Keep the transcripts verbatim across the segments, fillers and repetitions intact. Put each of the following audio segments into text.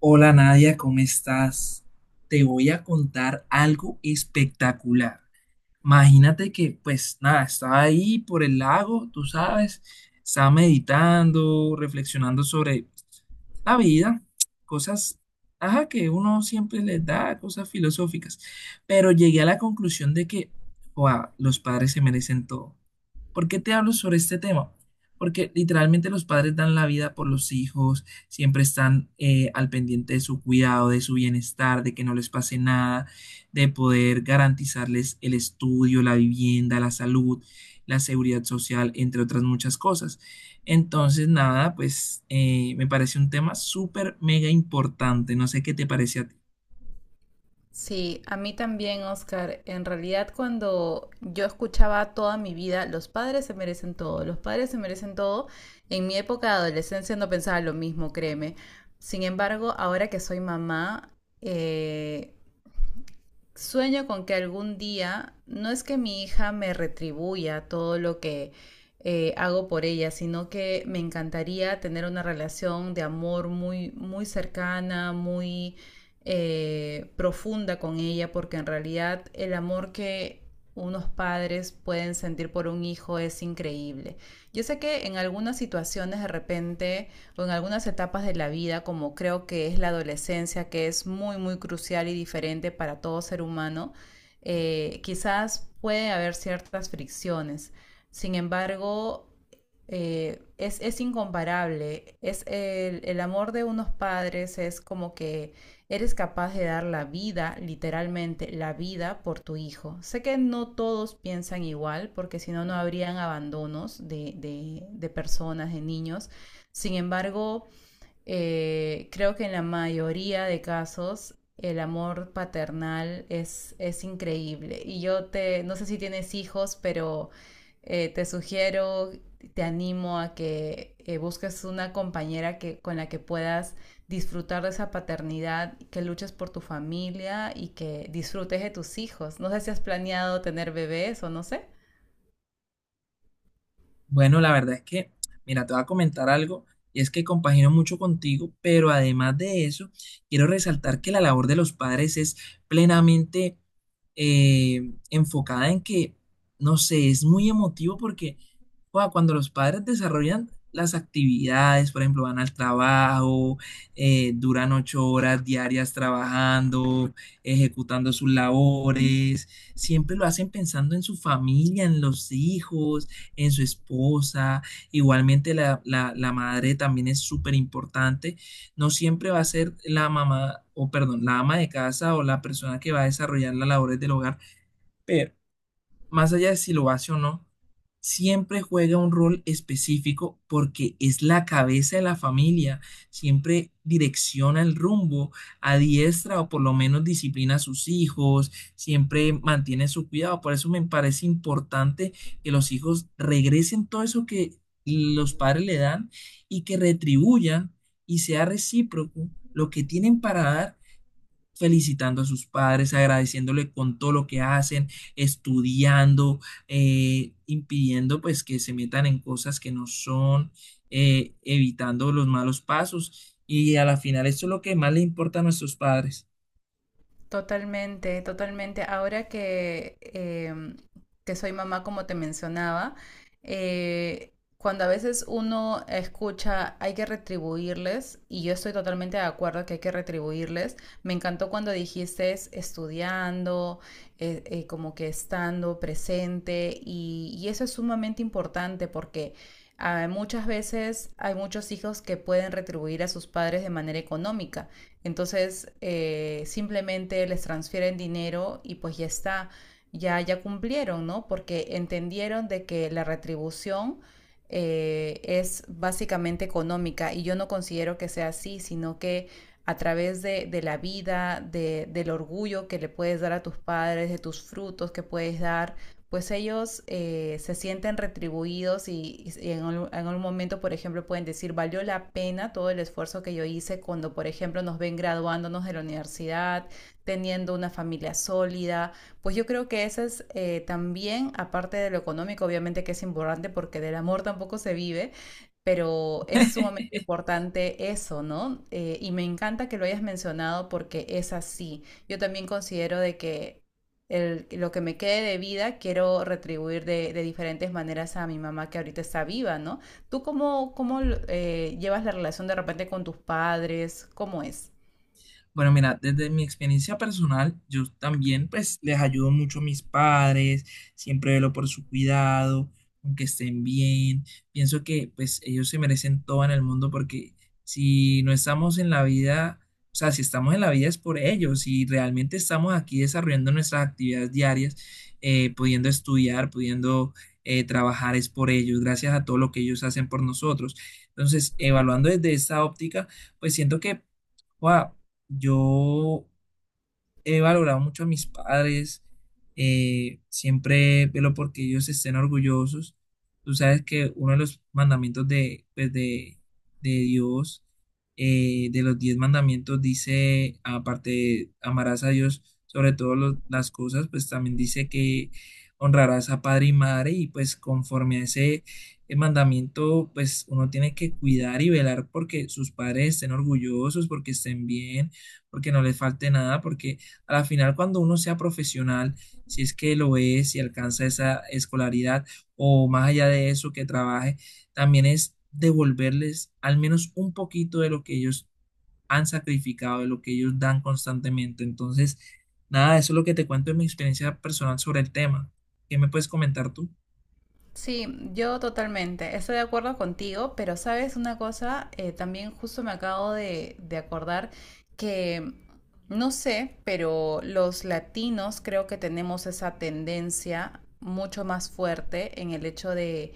Hola Nadia, ¿cómo estás? Te voy a contar algo espectacular. Imagínate que, pues nada, estaba ahí por el lago, tú sabes, estaba meditando, reflexionando sobre la vida, cosas, ajá, que uno siempre les da cosas filosóficas, pero llegué a la conclusión de que, "Joa, los padres se merecen todo. ¿Por qué te hablo sobre este tema? Porque literalmente los padres dan la vida por los hijos, siempre están eh, al pendiente de su cuidado, de su bienestar, de que no les pase nada, de poder garantizarles el estudio, la vivienda, la salud, la seguridad social, entre otras muchas cosas. Entonces, nada, pues eh, me parece un tema súper mega importante. No sé qué te parece a ti. Sí, a mí también, Oscar. En realidad, cuando yo escuchaba toda mi vida, los padres se merecen todo, los padres se merecen todo, en mi época de adolescencia no pensaba lo mismo, créeme. Sin embargo, ahora que soy mamá, eh, sueño con que algún día, no es que mi hija me retribuya todo lo que eh, hago por ella, sino que me encantaría tener una relación de amor muy, muy cercana, muy eh, profunda con ella, porque en realidad el amor que unos padres pueden sentir por un hijo es increíble. Yo sé que en algunas situaciones de repente o en algunas etapas de la vida, como creo que es la adolescencia, que es muy, muy crucial y diferente para todo ser humano, eh, quizás puede haber ciertas fricciones. Sin embargo, eh, es, es, incomparable. Es el, el amor de unos padres es como que eres capaz de dar la vida, literalmente la vida, por tu hijo. Sé que no todos piensan igual, porque si no, no habrían abandonos de, de, de personas, de niños, sin embargo, eh, creo que en la mayoría de casos el amor paternal es, es increíble. Y yo te, no sé si tienes hijos, pero eh, te sugiero, te animo a que eh, busques una compañera que, con la que puedas disfrutar de esa paternidad, que luches por tu familia y que disfrutes de tus hijos. No sé si has planeado tener bebés o no sé. Bueno, la verdad es que, mira, te voy a comentar algo, y es que compagino mucho contigo, pero además de eso, quiero resaltar que la labor de los padres es plenamente eh, enfocada en que, no sé, es muy emotivo porque joda, cuando los padres desarrollan las actividades, por ejemplo, van al trabajo, eh, duran ocho horas diarias trabajando, ejecutando sus labores, siempre lo hacen pensando en su familia, en los hijos, en su esposa. Igualmente la, la- la madre también es súper importante. No siempre va a ser la mamá, o perdón, la ama de casa o la persona que va a desarrollar las labores del hogar, pero más allá de si lo hace o no, siempre juega un rol específico porque es la cabeza de la familia, siempre direcciona el rumbo, adiestra o por lo menos disciplina a sus hijos, siempre mantiene su cuidado. Por eso me parece importante que los hijos regresen todo eso que los padres le dan y que retribuyan y sea recíproco lo que tienen para dar, felicitando a sus padres, agradeciéndole con todo lo que hacen, estudiando, eh, impidiendo pues que se metan en cosas que no son, eh, evitando los malos pasos. Y a la final, esto es lo que más le importa a nuestros padres. Totalmente, totalmente. Ahora que, em, que soy mamá, como te mencionaba, eh, cuando a veces uno escucha hay que retribuirles, y yo estoy totalmente de acuerdo que hay que retribuirles, me encantó cuando dijiste estudiando, eh, eh, como que estando presente, y, y eso es sumamente importante porque... Ah, muchas veces hay muchos hijos que pueden retribuir a sus padres de manera económica, entonces, eh, simplemente les transfieren dinero y pues ya está, ya, ya cumplieron, ¿no? Porque entendieron de que la retribución eh, es básicamente económica y yo no considero que sea así, sino que a través de, de la vida, de, del orgullo que le puedes dar a tus padres, de tus frutos que puedes dar, pues ellos eh, se sienten retribuidos y, y en, un, momento, por ejemplo, pueden decir, valió la pena todo el esfuerzo que yo hice cuando, por ejemplo, nos ven graduándonos de la universidad, teniendo una familia sólida. Pues yo creo que eso es eh, también, aparte de lo económico, obviamente que es importante porque del amor tampoco se vive, pero es sumamente importante eso, ¿no? Eh, y me encanta que lo hayas mencionado porque es así. Yo también considero de que el- lo que me quede de vida, quiero retribuir de, de diferentes maneras a mi mamá que ahorita está viva, ¿no? ¿Tú cómo, cómo eh, llevas la relación de repente con tus padres? ¿Cómo es? Bueno, mira, desde mi experiencia personal, yo también pues les ayudo mucho a mis padres, siempre velo por su cuidado, aunque estén bien. Pienso que pues ellos se merecen todo en el mundo porque si no estamos en la vida, o sea, si estamos en la vida es por ellos, si realmente estamos aquí desarrollando nuestras actividades diarias, eh, pudiendo estudiar, pudiendo eh, trabajar, es por ellos, gracias a todo lo que ellos hacen por nosotros. Entonces, evaluando desde esta óptica, pues siento que wow, yo he valorado mucho a mis padres, eh, siempre velo porque ellos estén orgullosos. Tú sabes que uno de los mandamientos de, pues de, de Dios, eh, de los diez mandamientos, dice, aparte de amarás a Dios sobre todas las cosas, pues también dice que honrarás a padre y madre, y pues conforme a ese eh, mandamiento, pues uno tiene que cuidar y velar porque sus padres estén orgullosos, porque estén bien, porque no les falte nada, porque a la final, cuando uno sea profesional, si es que lo es, si alcanza esa escolaridad o más allá de eso que trabaje, también es devolverles al menos un poquito de lo que ellos han sacrificado, de lo que ellos dan constantemente. Entonces, nada, eso es lo que te cuento de mi experiencia personal sobre el tema. ¿Qué me puedes comentar tú? Sí, yo totalmente. Estoy de acuerdo contigo, pero sabes una cosa. Eh, también justo me acabo de, de acordar que, no sé, pero los latinos creo que tenemos esa tendencia mucho más fuerte en el hecho de,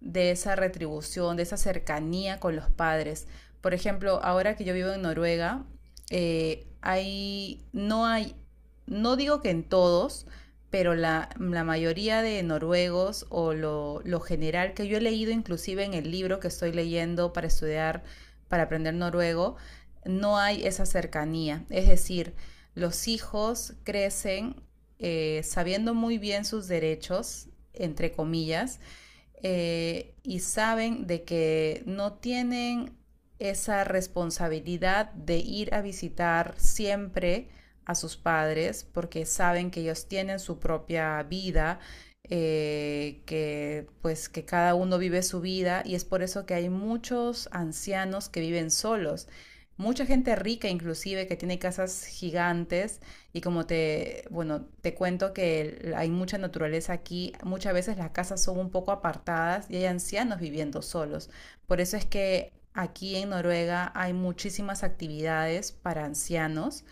de esa retribución, de esa cercanía con los padres. Por ejemplo, ahora que yo vivo en Noruega, eh, hay, no hay, no digo que en todos, pero la, la mayoría de noruegos o lo, lo general que yo he leído inclusive en el libro que estoy leyendo para estudiar, para aprender noruego, no hay esa cercanía. Es decir, los hijos crecen eh, sabiendo muy bien sus derechos, entre comillas, eh, y saben de que no tienen esa responsabilidad de ir a visitar siempre a sus padres porque saben que ellos tienen su propia vida, eh, que pues que cada uno vive su vida y es por eso que hay muchos ancianos que viven solos, mucha gente rica inclusive que tiene casas gigantes y como te, bueno, te cuento que el- hay mucha naturaleza aquí, muchas veces las casas son un poco apartadas y hay ancianos viviendo solos. Por eso es que aquí en Noruega hay muchísimas actividades para ancianos,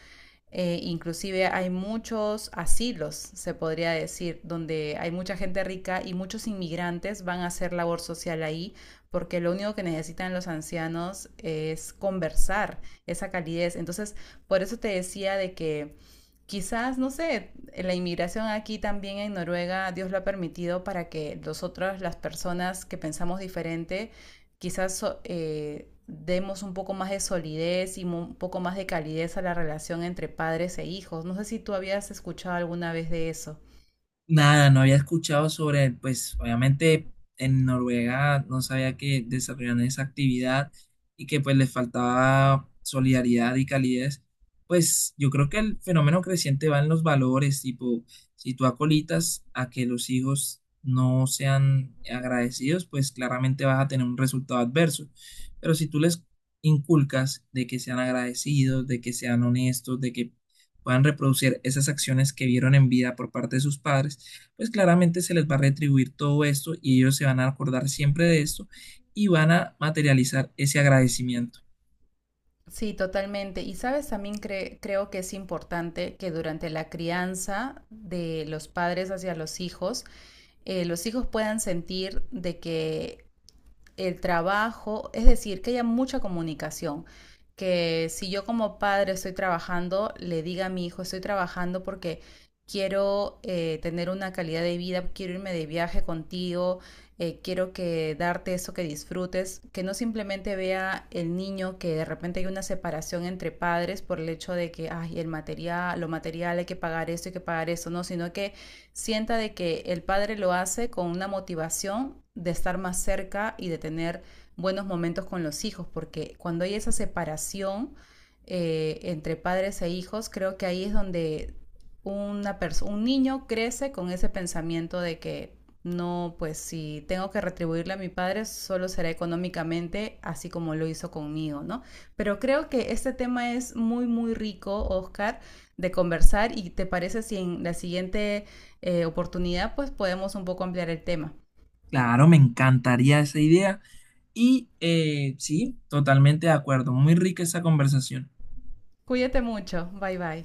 eh, inclusive hay muchos asilos, se podría decir, donde hay mucha gente rica y muchos inmigrantes van a hacer labor social ahí, porque lo único que necesitan los ancianos es conversar, esa calidez. Entonces, por eso te decía de que quizás, no sé, la inmigración aquí también en Noruega, Dios lo ha permitido para que nosotras, las personas que pensamos diferente, quizás so- eh, demos un poco más de solidez y mo- un poco más de calidez a la relación entre padres e hijos. No sé si tú habías escuchado alguna vez de eso. Nada, no había escuchado sobre, pues obviamente en Noruega no sabía que desarrollan esa actividad y que pues les faltaba solidaridad y calidez. Pues yo creo que el fenómeno creciente va en los valores, tipo, si tú acolitas a que los hijos no sean agradecidos, pues claramente vas a tener un resultado adverso. Pero si tú les inculcas de que sean agradecidos, de que sean honestos, de que puedan reproducir esas acciones que vieron en vida por parte de sus padres, pues claramente se les va a retribuir todo esto y ellos se van a acordar siempre de esto y van a materializar ese agradecimiento. Sí, totalmente. Y sabes, también cre- creo que es importante que durante la crianza de los padres hacia los hijos, eh, los hijos puedan sentir de que el trabajo, es decir, que haya mucha comunicación. Que si yo como padre estoy trabajando, le diga a mi hijo, estoy trabajando porque quiero eh, tener una calidad de vida, quiero irme de viaje contigo, eh, quiero que darte eso que disfrutes, que no simplemente vea el niño que de repente hay una separación entre padres por el hecho de que, ay, el material, lo material hay que pagar esto, hay que pagar eso, no, sino que sienta de que el padre lo hace con una motivación de estar más cerca y de tener buenos momentos con los hijos, porque cuando hay esa separación eh, entre padres e hijos, creo que ahí es donde una un niño crece con ese pensamiento de que no, pues si tengo que retribuirle a mi padre, solo será económicamente, así como lo hizo conmigo, ¿no? Pero creo que este tema es muy, muy rico, Oscar, de conversar y te parece si en la siguiente eh, oportunidad, pues podemos un poco ampliar el tema. Claro, me encantaría esa idea y eh, sí, totalmente de acuerdo, muy rica esa conversación. Cuídate mucho, bye bye.